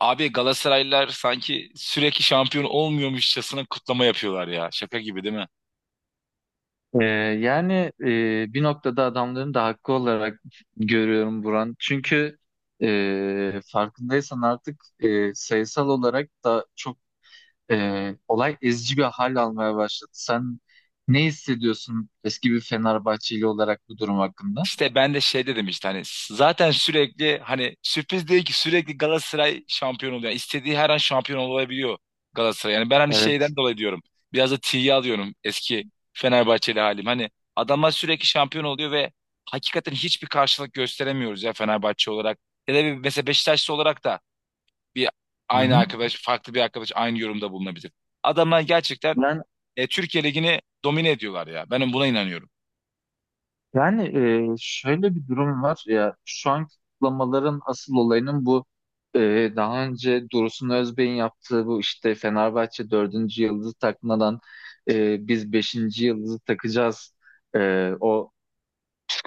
Abi Galatasaraylılar sanki sürekli şampiyon olmuyormuşçasına kutlama yapıyorlar ya. Şaka gibi değil mi? Ee, yani bir noktada adamların da hakkı olarak görüyorum Buran. Çünkü farkındaysan artık sayısal olarak da çok olay ezici bir hal almaya başladı. Sen ne hissediyorsun eski bir Fenerbahçeli olarak bu durum hakkında? İşte ben de şey dedim işte hani zaten sürekli hani sürpriz değil ki sürekli Galatasaray şampiyon oluyor. Yani istediği her an şampiyon olabiliyor Galatasaray. Yani ben hani Evet. şeyden dolayı diyorum. Biraz da tiye alıyorum eski Fenerbahçeli halim. Hani adamlar sürekli şampiyon oluyor ve hakikaten hiçbir karşılık gösteremiyoruz ya Fenerbahçe olarak. Ya da bir, mesela Beşiktaşlı olarak da bir Hı hı. Farklı bir arkadaş aynı yorumda bulunabilir. Adamlar gerçekten Türkiye Ligi'ni domine ediyorlar ya. Ben buna inanıyorum. Yani şöyle bir durum var ya şu an kutlamaların asıl olayının bu e, daha önce Dursun Özbey'in yaptığı bu işte Fenerbahçe 4. yıldızı takmadan biz 5. yıldızı takacağız, o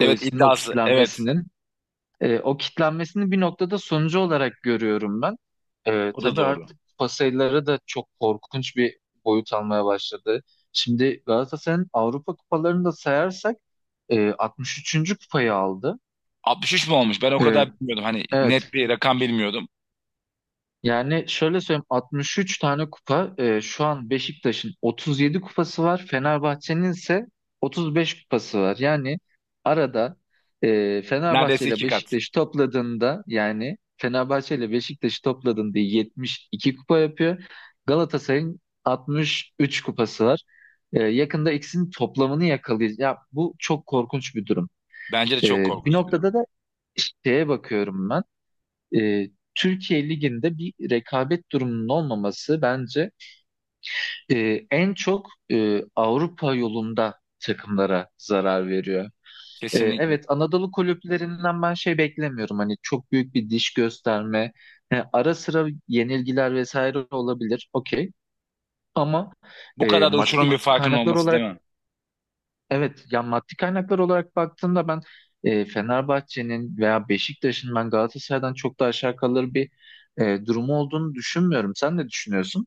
Evet o iddiası. Evet kitlenmesinin o kitlenmesini bir noktada sonucu olarak görüyorum ben. O da Tabii doğru. artık pasayları da çok korkunç bir boyut almaya başladı. Şimdi Galatasaray'ın Avrupa kupalarını da sayarsak 63. kupayı aldı. 63 mu olmuş? Ben o E, kadar bilmiyordum. Hani net evet bir rakam bilmiyordum. Yani şöyle söyleyeyim, 63 tane kupa, şu an Beşiktaş'ın 37 kupası var. Fenerbahçe'nin ise 35 kupası var. Yani arada Fenerbahçe Neredeyse ile iki kat. Beşiktaş topladığında, yani Fenerbahçe ile Beşiktaş'ı topladığında 72 kupa yapıyor. Galatasaray'ın 63 kupası var. Yakında ikisinin toplamını yakalayacağız. Ya bu çok korkunç bir durum. Bence de E, çok Bir korkunç bir durum. noktada da şeye bakıyorum ben, e, Türkiye Ligi'nde bir rekabet durumunun olmaması bence en çok Avrupa yolunda takımlara zarar veriyor. Kesinlikle. Evet, Anadolu kulüplerinden ben şey beklemiyorum, hani çok büyük bir diş gösterme, ara sıra yenilgiler vesaire olabilir, okey, ama Bu kadar da uçurum maddi bir farkın kaynaklar olması değil olarak mi? evet, ya maddi kaynaklar olarak baktığımda ben Fenerbahçe'nin veya Beşiktaş'ın, ben Galatasaray'dan çok da aşağı kalır bir durumu olduğunu düşünmüyorum. Sen ne düşünüyorsun?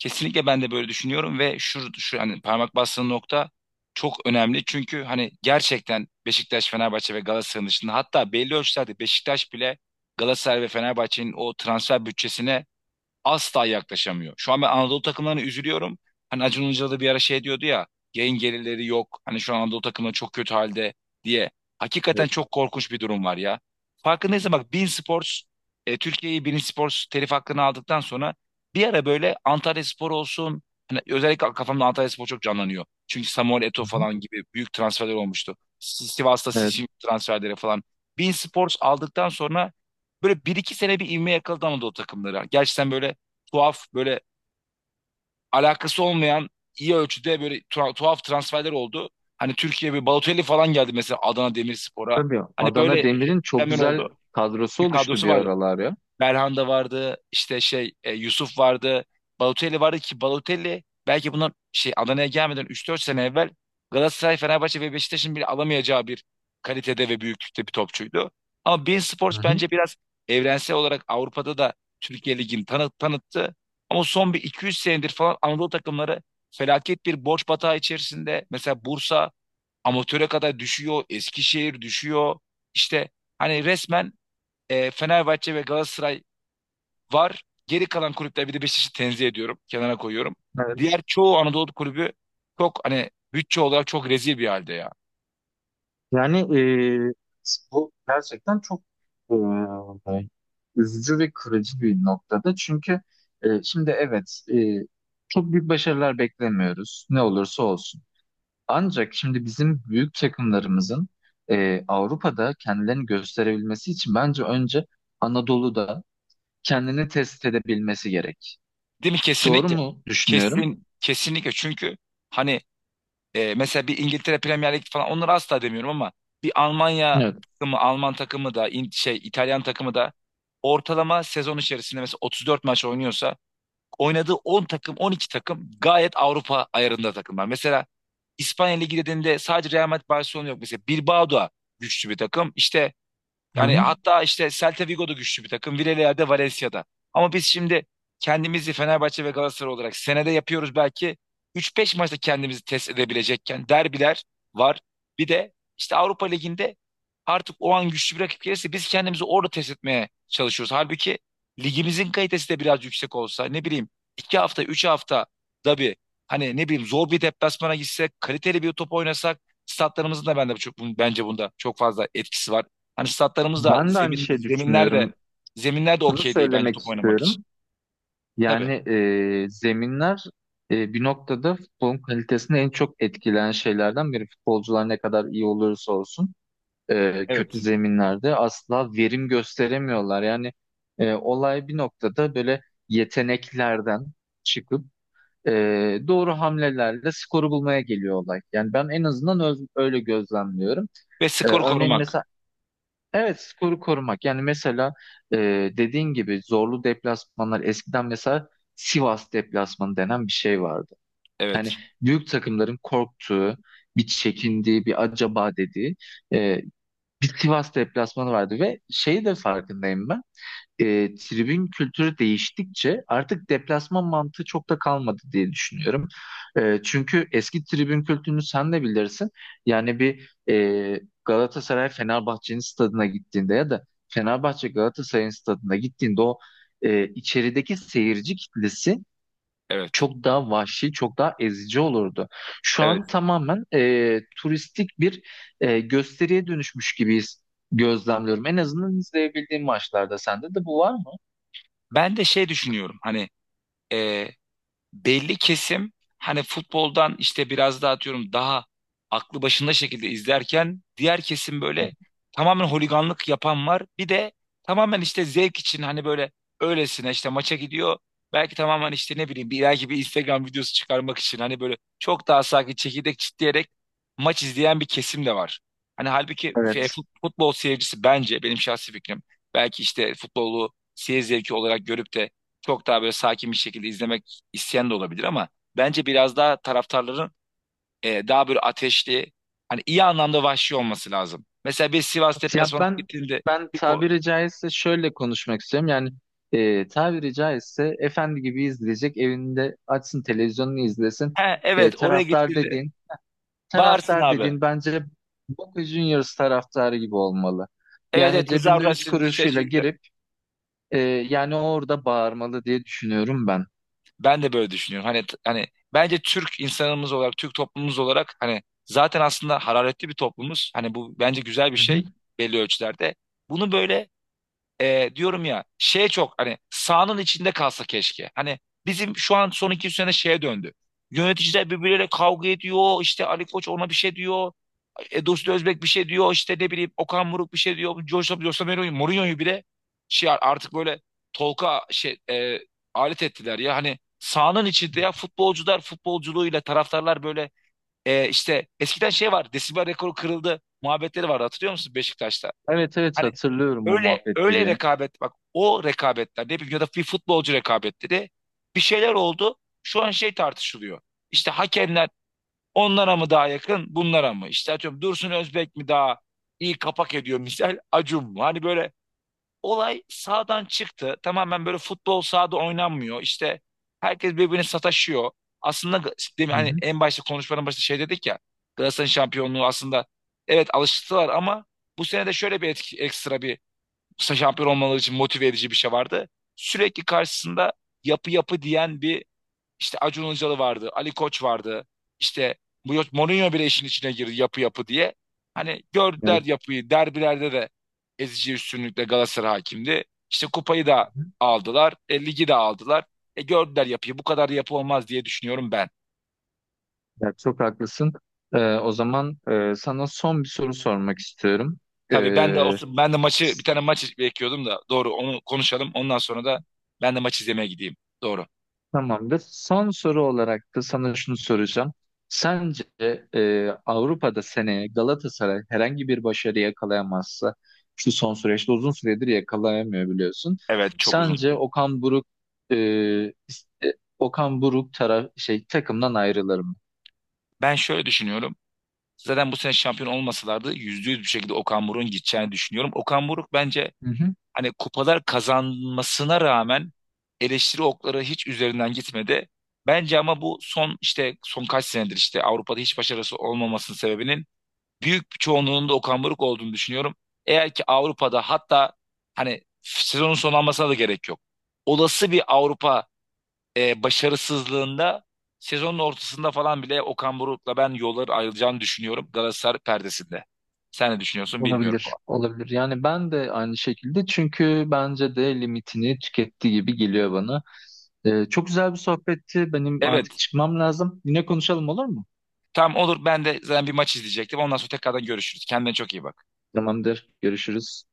Kesinlikle ben de böyle düşünüyorum ve şu hani parmak bastığın nokta çok önemli. Çünkü hani gerçekten Beşiktaş, Fenerbahçe ve Galatasaray'ın dışında hatta belli ölçülerde Beşiktaş bile Galatasaray ve Fenerbahçe'nin o transfer bütçesine asla yaklaşamıyor. Şu an ben Anadolu takımlarına üzülüyorum. Hani Acun Ilıcalı da bir ara şey diyordu ya yayın gelirleri yok. Hani şu an Anadolu takımları çok kötü halde diye. Hakikaten Evet. çok korkunç bir durum var ya. Farkındaysan bak Bein Sports Türkiye'yi Bein Sports telif hakkını aldıktan sonra bir ara böyle Antalya Spor olsun hani özellikle kafamda Antalya Spor çok canlanıyor. Çünkü Samuel Eto'o Hı hı. falan gibi büyük transferler olmuştu. Sivas'ta Evet, Sisi transferleri falan. Bein Sports aldıktan sonra böyle bir iki sene bir ivme yakaladı Anadolu takımları. Gerçekten böyle tuhaf böyle alakası olmayan iyi ölçüde böyle tuhaf transferler oldu. Hani Türkiye bir Balotelli falan geldi mesela Adana Demirspor'a. tabii Hani Adana böyle şey, Demir'in çok hemen güzel oldu. kadrosu Bir oluştu kadrosu bir vardı. aralar ya. Belhanda vardı, işte şey Yusuf vardı, Balotelli vardı ki Balotelli belki bundan şey Adana'ya gelmeden üç dört sene evvel Galatasaray, Fenerbahçe ve Beşiktaş'ın bile alamayacağı bir kalitede ve büyüklükte bir topçuydu. Ama beIN Hı Sports hı. bence biraz evrensel olarak Avrupa'da da Türkiye Ligi'ni tanıttı. Ama son bir 200 senedir falan Anadolu takımları felaket bir borç batağı içerisinde. Mesela Bursa amatöre kadar düşüyor, Eskişehir düşüyor. İşte hani resmen Fenerbahçe ve Galatasaray var. Geri kalan kulüpler bir de Beşiktaş'ı tenzih ediyorum. Kenara koyuyorum. Evet. Diğer çoğu Anadolu kulübü çok hani bütçe olarak çok rezil bir halde ya. Yani bu gerçekten çok e, üzücü ve kırıcı bir noktada. Çünkü şimdi evet, çok büyük başarılar beklemiyoruz. Ne olursa olsun. Ancak şimdi bizim büyük takımlarımızın Avrupa'da kendilerini gösterebilmesi için bence önce Anadolu'da kendini test edebilmesi gerek. Değil mi? Doğru Kesinlikle. mu düşünüyorum? Kesinlikle. Çünkü hani mesela bir İngiltere Premier Lig falan onları asla demiyorum ama bir Evet. Alman takımı da şey İtalyan takımı da ortalama sezon içerisinde mesela 34 maç oynuyorsa oynadığı 10 takım 12 takım gayet Avrupa ayarında takımlar. Mesela İspanya Ligi dediğinde sadece Real Madrid Barcelona yok. Mesela Bilbao da güçlü bir takım. İşte Hı hani hı. hatta işte Celta Vigo da güçlü bir takım. Villarreal'de, Valencia'da. Ama biz şimdi kendimizi Fenerbahçe ve Galatasaray olarak senede yapıyoruz belki. 3-5 maçta kendimizi test edebilecekken derbiler var. Bir de işte Avrupa Ligi'nde artık o an güçlü bir rakip gelirse biz kendimizi orada test etmeye çalışıyoruz. Halbuki ligimizin kalitesi de biraz yüksek olsa ne bileyim 2 hafta 3 hafta da bir hani ne bileyim zor bir deplasmana gitsek kaliteli bir top oynasak statlarımızın da bence bunda çok fazla etkisi var. Hani statlarımız da Ben de aynı şey düşünüyorum. zeminler de Bunu okey değil bence söylemek top oynamak için. istiyorum. Tabii. Yani zeminler, bir noktada futbolun kalitesini en çok etkileyen şeylerden biri. Futbolcular ne kadar iyi olursa olsun, kötü Evet. zeminlerde asla verim gösteremiyorlar. Yani olay bir noktada böyle yeteneklerden çıkıp e, doğru hamlelerle skoru bulmaya geliyor olay. Yani ben en azından öyle gözlemliyorum. Ve skoru Örneğin korumak. mesela evet, skoru korumak. Yani mesela e, dediğin gibi, zorlu deplasmanlar eskiden, mesela Sivas deplasmanı denen bir şey vardı. Yani Evet. büyük takımların korktuğu, bir çekindiği, bir acaba dediği, e, bir Sivas deplasmanı vardı ve şeyi de farkındayım ben. Tribün kültürü değiştikçe artık deplasman mantığı çok da kalmadı diye düşünüyorum. Çünkü eski tribün kültürünü sen de bilirsin. Yani bir Galatasaray Fenerbahçe'nin stadına gittiğinde ya da Fenerbahçe Galatasaray'ın stadına gittiğinde o içerideki seyirci kitlesi Evet. çok daha vahşi, çok daha ezici olurdu. Şu Evet. an tamamen turistik bir gösteriye dönüşmüş gibiyiz gözlemliyorum. En azından izleyebildiğim maçlarda sende de bu var mı? Ben de şey düşünüyorum. Hani e, belli kesim hani futboldan işte biraz daha atıyorum daha aklı başında şekilde izlerken diğer kesim böyle tamamen holiganlık yapan var. Bir de tamamen işte zevk için hani böyle öylesine işte maça gidiyor. Belki tamamen işte ne bileyim bir belki bir Instagram videosu çıkarmak için hani böyle çok daha sakin çekirdek çitleyerek maç izleyen bir kesim de var. Hani halbuki Evet. futbol seyircisi bence benim şahsi fikrim belki işte futbolu seyir zevki olarak görüp de çok daha böyle sakin bir şekilde izlemek isyan da olabilir ama bence biraz daha taraftarların daha böyle ateşli hani iyi anlamda vahşi olması lazım. Mesela bir Sivas Ya deplasmanına ben gittiğinde ben bir ko- tabiri caizse şöyle konuşmak istiyorum. Yani tabiri caizse efendi gibi izleyecek, evinde açsın televizyonunu izlesin. he, evet oraya Taraftar gittiğinde dediğin, bağırsın taraftar abi. dediğin bence Boca Juniors taraftarı gibi olmalı. Evet Yani evet cebinde tezahür 3 etsin, ses kuruşuyla yükle. girip Ee, yani orada bağırmalı diye düşünüyorum ben. Ben de böyle düşünüyorum. Hani bence Türk insanımız olarak Türk toplumumuz olarak hani zaten aslında hararetli bir toplumuz. Hani bu bence güzel bir Hı hı. şey belli ölçülerde. Bunu böyle diyorum ya şey çok hani sahanın içinde kalsa keşke. Hani bizim şu an son iki üç sene şeye döndü. Yöneticiler birbirleriyle kavga ediyor. İşte Ali Koç ona bir şey diyor. E, Dursun Özbek bir şey diyor. İşte ne bileyim Okan Buruk bir şey diyor. Mourinho'yu bile şey artık böyle Tolga şey alet ettiler ya. Hani sahanın içinde ya futbolcular futbolculuğuyla taraftarlar böyle işte eskiden şey var. Desibel rekoru kırıldı muhabbetleri vardı hatırlıyor musun Beşiktaş'ta? Evet, evet, Hani hatırlıyorum o öyle muhabbetleri öyle ya. rekabet bak o rekabetler ne bileyim ya da bir futbolcu rekabetleri bir şeyler oldu. Şu an şey tartışılıyor. İşte hakemler onlara mı daha yakın bunlara mı? İşte atıyorum Dursun Özbek mi daha iyi kapak ediyor misal Acun mu? Hani böyle olay sağdan çıktı. Tamamen böyle futbol sahada oynanmıyor. İşte herkes birbirine sataşıyor. Aslında değil mi? Hı Hani hı. en başta konuşmanın başında şey dedik ya. Galatasaray'ın şampiyonluğu aslında evet alıştılar ama bu sene de şöyle bir etki, ekstra bir Musa şampiyon olmaları için motive edici bir şey vardı. Sürekli karşısında yapı yapı diyen bir işte Acun Ilıcalı vardı, Ali Koç vardı. İşte Mourinho bile işin içine girdi yapı yapı diye. Hani gördüler Evet. yapıyı. Derbilerde de ezici üstünlükle Galatasaray hakimdi. İşte kupayı da Hı hı. aldılar, ligi de aldılar. E, gördüler yapıyı. Bu kadar yapı olmaz diye düşünüyorum ben. Ya, çok haklısın. O zaman sana son bir soru sormak istiyorum. Tabii ben de o, Ee, Hmm. ben de bir tane maç bekliyordum da doğru onu konuşalım. Ondan sonra da ben de maç izlemeye gideyim. Doğru. Tamamdır. Son soru olarak da sana şunu soracağım. Sence Avrupa'da seneye Galatasaray herhangi bir başarı yakalayamazsa, şu son süreçte uzun süredir yakalayamıyor biliyorsun. Evet çok uzun. Sence Okan Buruk e, is- e, Okan Buruk taraf şey takımdan ayrılır mı? Ben şöyle düşünüyorum. Zaten bu sene şampiyon olmasalardı %100 bir şekilde Okan Buruk'un gideceğini düşünüyorum. Okan Buruk bence Hı hı. hani kupalar kazanmasına rağmen eleştiri okları hiç üzerinden gitmedi. Bence ama bu son işte son kaç senedir işte Avrupa'da hiç başarısı olmamasının sebebinin büyük bir çoğunluğunun da Okan Buruk olduğunu düşünüyorum. Eğer ki Avrupa'da hatta hani sezonun sonlanmasına da gerek yok. Olası bir Avrupa başarısızlığında sezonun ortasında falan bile Okan Buruk'la ben yolları ayrılacağını düşünüyorum Galatasaray perdesinde. Sen ne düşünüyorsun bilmiyorum. Olabilir, olabilir. Yani ben de aynı şekilde, çünkü bence de limitini tüketti gibi geliyor bana. Çok güzel bir sohbetti. Benim artık Evet. çıkmam lazım. Yine konuşalım, olur mu? Tamam olur. Ben de zaten bir maç izleyecektim. Ondan sonra tekrardan görüşürüz. Kendine çok iyi bak. Tamamdır. Görüşürüz.